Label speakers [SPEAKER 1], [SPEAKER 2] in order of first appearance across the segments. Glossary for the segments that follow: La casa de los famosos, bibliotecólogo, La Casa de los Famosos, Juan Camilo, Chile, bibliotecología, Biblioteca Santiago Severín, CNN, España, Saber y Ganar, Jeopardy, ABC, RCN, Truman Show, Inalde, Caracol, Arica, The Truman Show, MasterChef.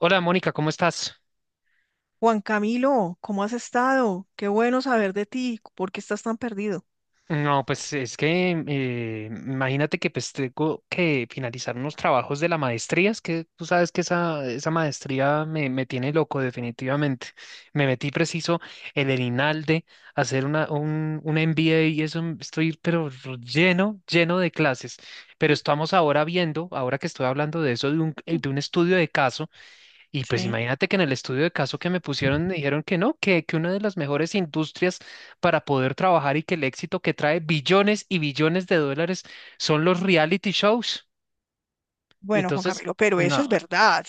[SPEAKER 1] Hola Mónica, ¿cómo estás?
[SPEAKER 2] Juan Camilo, ¿cómo has estado? Qué bueno saber de ti. ¿Por qué estás tan perdido?
[SPEAKER 1] No, pues es que imagínate que pues tengo que finalizar unos trabajos de la maestría. Es que tú sabes que esa maestría me tiene loco definitivamente. Me metí preciso en el Inalde a hacer un MBA y eso estoy pero lleno de clases. Pero estamos ahora viendo, ahora que estoy hablando de eso, de de un estudio de caso. Y pues
[SPEAKER 2] Sí.
[SPEAKER 1] imagínate que en el estudio de caso que me pusieron me dijeron que no, que una de las mejores industrias para poder trabajar y que el éxito que trae billones y billones de dólares son los reality shows.
[SPEAKER 2] Bueno, Juan
[SPEAKER 1] Entonces,
[SPEAKER 2] Camilo, pero eso es
[SPEAKER 1] no,
[SPEAKER 2] verdad.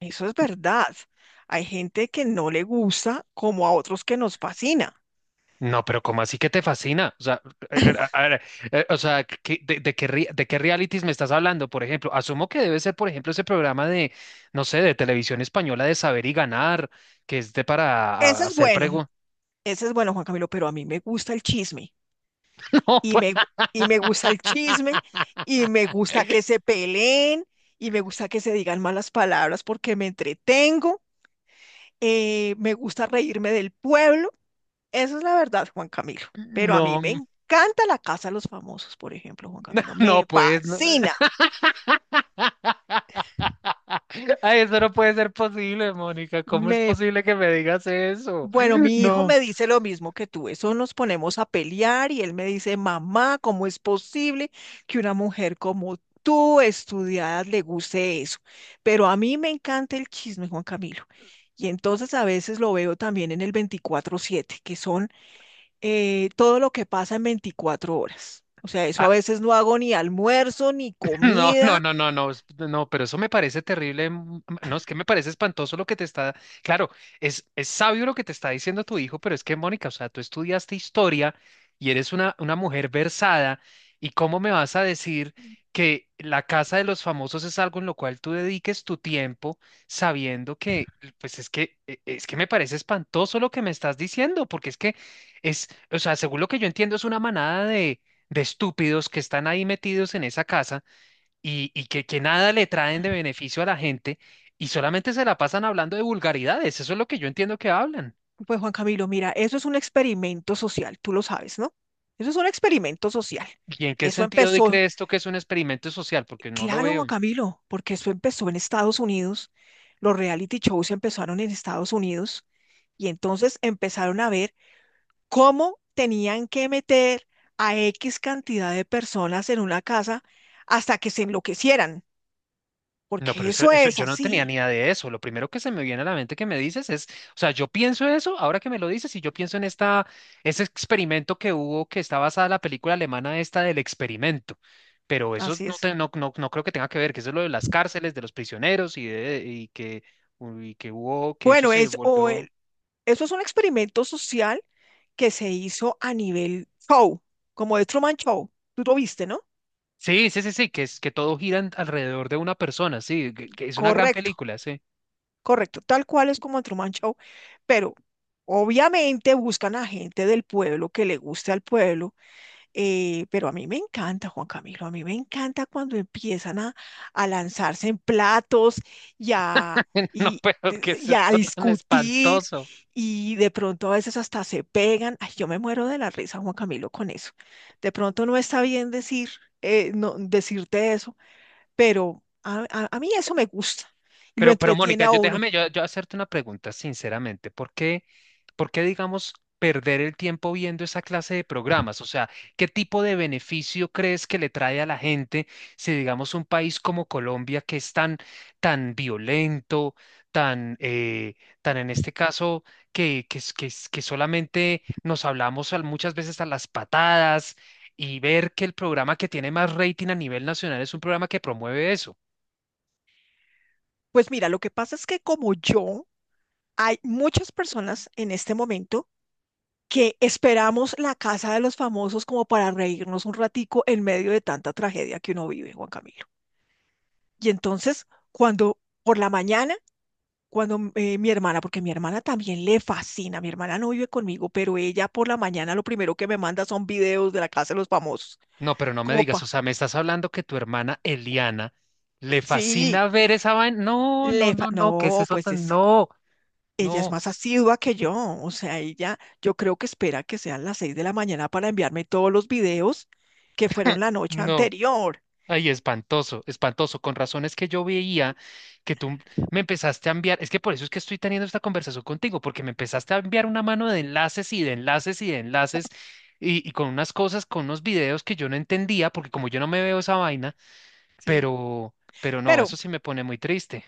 [SPEAKER 2] Eso es verdad. Hay gente que no le gusta como a otros que nos fascina.
[SPEAKER 1] no, pero ¿cómo así que te fascina? O sea, a ver, o sea, ¿de qué realities me estás hablando? Por ejemplo, asumo que debe ser, por ejemplo, ese programa de, no sé, de televisión española, de Saber y Ganar, que es de para
[SPEAKER 2] Ese es
[SPEAKER 1] hacer
[SPEAKER 2] bueno,
[SPEAKER 1] preguntas.
[SPEAKER 2] ese es bueno, Juan Camilo, pero a mí me gusta el chisme.
[SPEAKER 1] No, pues,
[SPEAKER 2] Y me gusta el chisme, y me gusta que se peleen, y me gusta que se digan malas palabras porque me entretengo. Me gusta reírme del pueblo. Eso es la verdad, Juan Camilo. Pero a mí
[SPEAKER 1] no,
[SPEAKER 2] me encanta la casa de los famosos, por ejemplo, Juan Camilo.
[SPEAKER 1] no,
[SPEAKER 2] Me
[SPEAKER 1] pues, no.
[SPEAKER 2] fascina.
[SPEAKER 1] Ay, eso no puede ser posible, Mónica. ¿Cómo es
[SPEAKER 2] Me,
[SPEAKER 1] posible que me digas eso?
[SPEAKER 2] bueno, mi hijo
[SPEAKER 1] No.
[SPEAKER 2] me dice lo mismo que tú. Eso nos ponemos a pelear y él me dice, mamá, ¿cómo es posible que una mujer como tú, estudiada, le guste eso? Pero a mí me encanta el chisme, Juan Camilo. Y entonces a veces lo veo también en el 24/7, que son todo lo que pasa en 24 horas. O sea, eso a veces no hago ni almuerzo, ni
[SPEAKER 1] No, no,
[SPEAKER 2] comida.
[SPEAKER 1] no, no, no, no, pero eso me parece terrible. No, es que me parece espantoso lo que te está. Claro, es sabio lo que te está diciendo tu hijo, pero es que, Mónica, o sea, tú estudiaste historia y eres una mujer versada, ¿y cómo me vas a decir que la casa de los famosos es algo en lo cual tú dediques tu tiempo sabiendo que, pues es que, es que me parece espantoso lo que me estás diciendo, porque es que o sea, según lo que yo entiendo, es una manada de estúpidos que están ahí metidos en esa casa que nada le traen de beneficio a la gente y solamente se la pasan hablando de vulgaridades. Eso es lo que yo entiendo que hablan.
[SPEAKER 2] Pues Juan Camilo, mira, eso es un experimento social, tú lo sabes, ¿no? Eso es un experimento social.
[SPEAKER 1] ¿Y en qué
[SPEAKER 2] Eso
[SPEAKER 1] sentido de
[SPEAKER 2] empezó,
[SPEAKER 1] cree esto que es un experimento social? Porque no lo
[SPEAKER 2] claro, Juan
[SPEAKER 1] veo.
[SPEAKER 2] Camilo, porque eso empezó en Estados Unidos. Los reality shows empezaron en Estados Unidos y entonces empezaron a ver cómo tenían que meter a X cantidad de personas en una casa hasta que se enloquecieran,
[SPEAKER 1] No,
[SPEAKER 2] porque
[SPEAKER 1] pero
[SPEAKER 2] eso es
[SPEAKER 1] yo no tenía ni
[SPEAKER 2] así.
[SPEAKER 1] idea de eso. Lo primero que se me viene a la mente que me dices es, o sea, yo pienso eso, ahora que me lo dices, y yo pienso en ese experimento que hubo, que está basada en la película alemana esta del experimento. Pero eso
[SPEAKER 2] Así
[SPEAKER 1] no,
[SPEAKER 2] es.
[SPEAKER 1] no creo que tenga que ver, que eso es lo de las cárceles, de los prisioneros y que hubo, que eso
[SPEAKER 2] Bueno,
[SPEAKER 1] se
[SPEAKER 2] es, o
[SPEAKER 1] volvió.
[SPEAKER 2] el- Eso es un experimento social que se hizo a nivel show, como de Truman Show. Tú lo viste, ¿no?
[SPEAKER 1] Sí, sí, sí, sí, que es que todo gira alrededor de una persona, sí, que es una gran
[SPEAKER 2] Correcto,
[SPEAKER 1] película, sí.
[SPEAKER 2] correcto. Tal cual es como el Truman Show, pero obviamente buscan a gente del pueblo que le guste al pueblo. Pero a mí me encanta, Juan Camilo, a mí me encanta cuando empiezan a lanzarse en platos y a,
[SPEAKER 1] No, pero que es
[SPEAKER 2] y a
[SPEAKER 1] esto tan
[SPEAKER 2] discutir
[SPEAKER 1] espantoso.
[SPEAKER 2] y de pronto a veces hasta se pegan. Ay, yo me muero de la risa, Juan Camilo, con eso. De pronto no está bien decir, no, decirte eso, pero a mí eso me gusta y lo
[SPEAKER 1] Pero
[SPEAKER 2] entretiene
[SPEAKER 1] Mónica,
[SPEAKER 2] a uno.
[SPEAKER 1] yo hacerte una pregunta sinceramente. ¿Por qué, digamos, perder el tiempo viendo esa clase de programas? O sea, ¿qué tipo de beneficio crees que le trae a la gente si, digamos, un país como Colombia, que es tan, tan violento, tan, eh, tan en este caso, que solamente nos hablamos muchas veces a las patadas y ver que el programa que tiene más rating a nivel nacional es un programa que promueve eso?
[SPEAKER 2] Pues mira, lo que pasa es que como yo, hay muchas personas en este momento que esperamos la casa de los famosos como para reírnos un ratico en medio de tanta tragedia que uno vive, Juan Camilo. Y entonces, cuando por la mañana, cuando mi hermana, porque mi hermana también le fascina, mi hermana no vive conmigo, pero ella por la mañana lo primero que me manda son videos de la casa de los famosos,
[SPEAKER 1] No, pero no me
[SPEAKER 2] como
[SPEAKER 1] digas, o
[SPEAKER 2] pa,
[SPEAKER 1] sea, me estás hablando que tu hermana Eliana le
[SPEAKER 2] sí,
[SPEAKER 1] fascina ver esa vaina. No, no, no, no, ¿qué es
[SPEAKER 2] no,
[SPEAKER 1] eso
[SPEAKER 2] pues
[SPEAKER 1] tan?
[SPEAKER 2] es,
[SPEAKER 1] No,
[SPEAKER 2] ella es
[SPEAKER 1] no,
[SPEAKER 2] más asidua que yo, o sea, ella, yo creo que espera que sean las 6 de la mañana para enviarme todos los videos que fueron la noche
[SPEAKER 1] no.
[SPEAKER 2] anterior,
[SPEAKER 1] Ay, espantoso, espantoso. Con razones que yo veía que tú me empezaste a enviar. Es que por eso es que estoy teniendo esta conversación contigo, porque me empezaste a enviar una mano de enlaces y de enlaces y de enlaces y con unas cosas, con unos videos que yo no entendía, porque como yo no me veo esa vaina,
[SPEAKER 2] sí,
[SPEAKER 1] pero, pero no,
[SPEAKER 2] pero
[SPEAKER 1] eso sí me pone muy triste.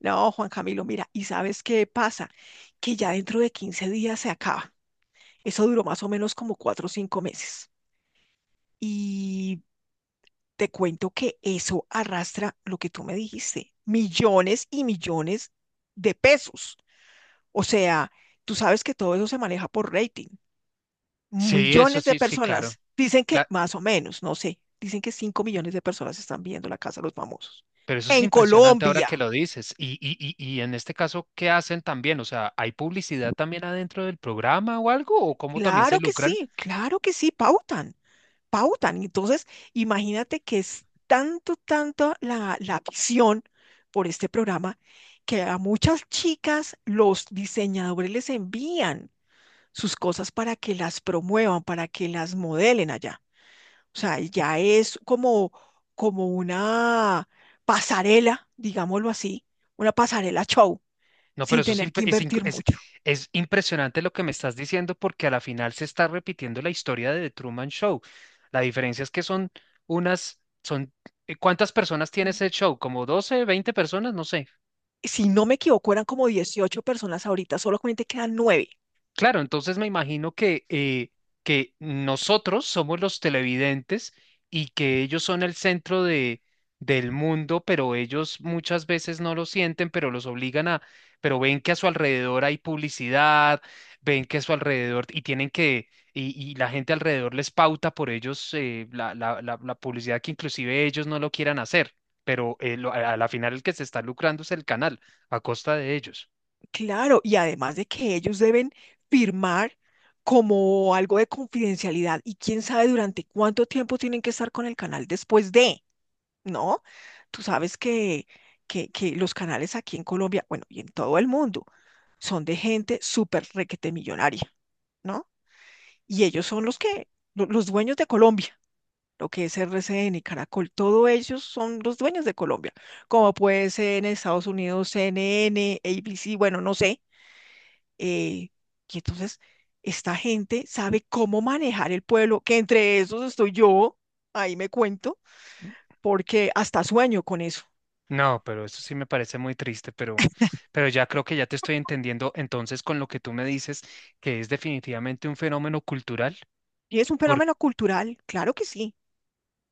[SPEAKER 2] no, Juan Camilo, mira, ¿y sabes qué pasa? Que ya dentro de 15 días se acaba. Eso duró más o menos como 4 o 5 meses. Y te cuento que eso arrastra lo que tú me dijiste, millones y millones de pesos. O sea, tú sabes que todo eso se maneja por rating.
[SPEAKER 1] Sí, eso
[SPEAKER 2] Millones de
[SPEAKER 1] sí, sí, claro.
[SPEAKER 2] personas, dicen que
[SPEAKER 1] Cla-
[SPEAKER 2] más o menos, no sé, dicen que 5 millones de personas están viendo La Casa de los Famosos.
[SPEAKER 1] Pero eso es
[SPEAKER 2] En
[SPEAKER 1] impresionante ahora
[SPEAKER 2] Colombia.
[SPEAKER 1] que lo dices. Y en este caso, ¿qué hacen también? O sea, ¿hay publicidad también adentro del programa o algo? ¿O cómo también se lucran?
[SPEAKER 2] Claro que sí, pautan. Pautan. Entonces, imagínate que es tanto, tanto la visión por este programa que a muchas chicas los diseñadores les envían sus cosas para que las promuevan, para que las modelen allá. O sea, ya es como, como una pasarela, digámoslo así, una pasarela show,
[SPEAKER 1] No, pero
[SPEAKER 2] sin
[SPEAKER 1] eso es,
[SPEAKER 2] tener que invertir mucho.
[SPEAKER 1] es impresionante lo que me estás diciendo, porque a la final se está repitiendo la historia de The Truman Show. La diferencia es que son unas, son, ¿cuántas personas tiene
[SPEAKER 2] Mm,
[SPEAKER 1] ese show? ¿Como 12 20 personas? No sé.
[SPEAKER 2] si no me equivoco, eran como 18 personas ahorita, solamente quedan 9.
[SPEAKER 1] Claro, entonces me imagino que nosotros somos los televidentes y que ellos son el centro de, del mundo, pero ellos muchas veces no lo sienten, pero los obligan a, pero ven que a su alrededor hay publicidad, ven que a su alrededor y la gente alrededor les pauta por ellos, la publicidad que inclusive ellos no lo quieran hacer, pero a la final el que se está lucrando es el canal a costa de ellos.
[SPEAKER 2] Claro, y además de que ellos deben firmar como algo de confidencialidad y quién sabe durante cuánto tiempo tienen que estar con el canal después de, ¿no? Tú sabes que los canales aquí en Colombia, bueno, y en todo el mundo, son de gente súper requete millonaria, ¿no? Y ellos son los los dueños de Colombia, lo que es RCN y Caracol, todos ellos son los dueños de Colombia, como puede ser en Estados Unidos, CNN, ABC, bueno, no sé eh, y entonces esta gente sabe cómo manejar el pueblo, que entre esos estoy yo, ahí me cuento, porque hasta sueño con eso.
[SPEAKER 1] No, pero eso sí me parece muy triste, pero ya creo que ya te estoy entendiendo entonces con lo que tú me dices, que es definitivamente un fenómeno cultural.
[SPEAKER 2] Y es un
[SPEAKER 1] Por-
[SPEAKER 2] fenómeno cultural,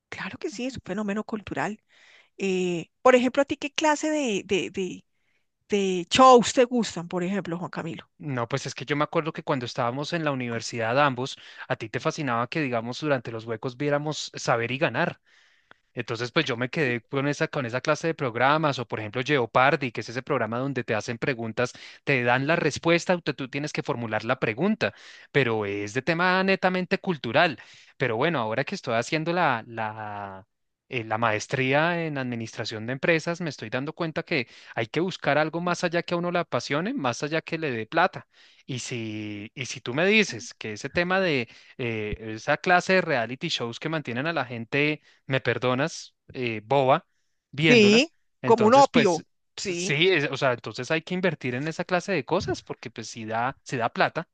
[SPEAKER 2] claro que sí, es un fenómeno cultural. Por ejemplo, ¿a ti qué clase de shows te gustan, por ejemplo, Juan Camilo?
[SPEAKER 1] no, pues es que yo me acuerdo que cuando estábamos en la universidad ambos, a ti te fascinaba que, digamos, durante los huecos viéramos Saber y Ganar. Entonces, pues yo me quedé con con esa clase de programas, o por ejemplo Jeopardy, que es ese programa donde te hacen preguntas, te dan la respuesta, tú tienes que formular la pregunta, pero es de tema netamente cultural. Pero bueno, ahora que estoy haciendo la maestría en administración de empresas, me estoy dando cuenta que hay que buscar algo más allá que a uno le apasione, más allá que le dé plata. Y si tú me dices que ese tema de esa clase de reality shows que mantienen a la gente, me perdonas, boba, viéndola.
[SPEAKER 2] Sí, como un
[SPEAKER 1] Entonces, pues
[SPEAKER 2] opio. Sí,
[SPEAKER 1] sí, o sea, entonces hay que invertir en esa clase de cosas, porque pues si da plata,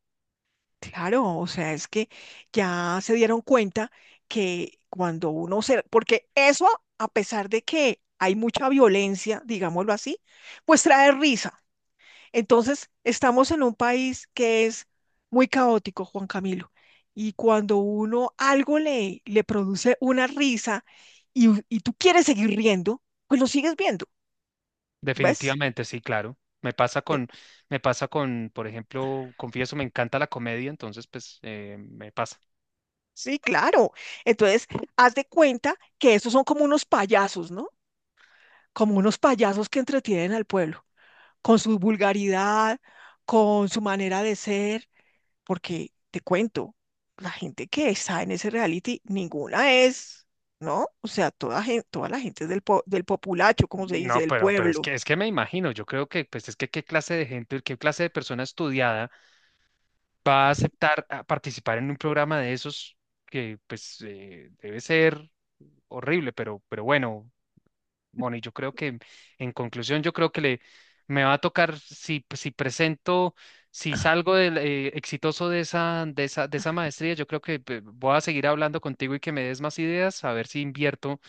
[SPEAKER 2] claro, o sea, es que ya se dieron cuenta que cuando uno se... Porque eso, a pesar de que hay mucha violencia, digámoslo así, pues trae risa. Entonces, estamos en un país que es muy caótico, Juan Camilo, y cuando uno algo le produce una risa y tú quieres seguir riendo, pues lo sigues viendo, ¿ves?
[SPEAKER 1] definitivamente sí, claro.
[SPEAKER 2] Eh,
[SPEAKER 1] Me pasa con, por ejemplo, confieso, me encanta la comedia, entonces pues me pasa.
[SPEAKER 2] sí, claro. Entonces, haz de cuenta que esos son como unos payasos, ¿no? Como unos payasos que entretienen al pueblo, con su vulgaridad, con su manera de ser. Porque te cuento, la gente que está en ese reality, ninguna es, ¿no? O sea, toda la gente es del populacho, como se dice,
[SPEAKER 1] No,
[SPEAKER 2] del
[SPEAKER 1] pero
[SPEAKER 2] pueblo.
[SPEAKER 1] es que me imagino, yo creo que, pues es que qué clase de gente, qué clase de persona estudiada va a aceptar a participar en un programa de esos que, pues, debe ser horrible, pero bueno. Bueno, y yo creo que, en conclusión, yo creo que le me va a tocar si, si salgo exitoso de de esa maestría. Yo creo que voy a seguir hablando contigo y que me des más ideas, a ver si invierto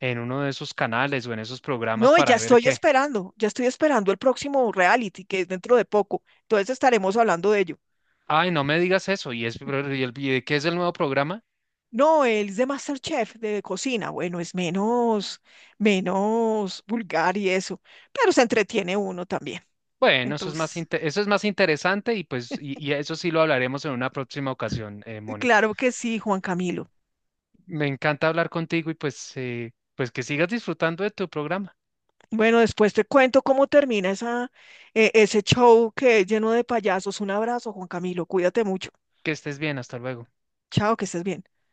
[SPEAKER 1] en uno de esos canales o en esos programas
[SPEAKER 2] No, y
[SPEAKER 1] para ver qué.
[SPEAKER 2] ya estoy esperando el próximo reality, que es dentro de poco. Entonces estaremos hablando de ello.
[SPEAKER 1] Ay, no me digas eso. ¿Y es pero, y de qué es el nuevo programa?
[SPEAKER 2] No, él es de MasterChef, de cocina. Bueno, es menos, menos vulgar y eso, pero se entretiene uno también.
[SPEAKER 1] Bueno, eso es
[SPEAKER 2] Entonces,
[SPEAKER 1] eso es más interesante y pues y eso sí lo hablaremos en una próxima ocasión, Mónica.
[SPEAKER 2] claro que sí, Juan Camilo.
[SPEAKER 1] Me encanta hablar contigo y pues pues que sigas disfrutando de tu programa.
[SPEAKER 2] Bueno, después te cuento cómo termina esa, ese show que es lleno de payasos. Un abrazo, Juan Camilo. Cuídate mucho.
[SPEAKER 1] Que estés bien, hasta luego.
[SPEAKER 2] Chao, que estés bien.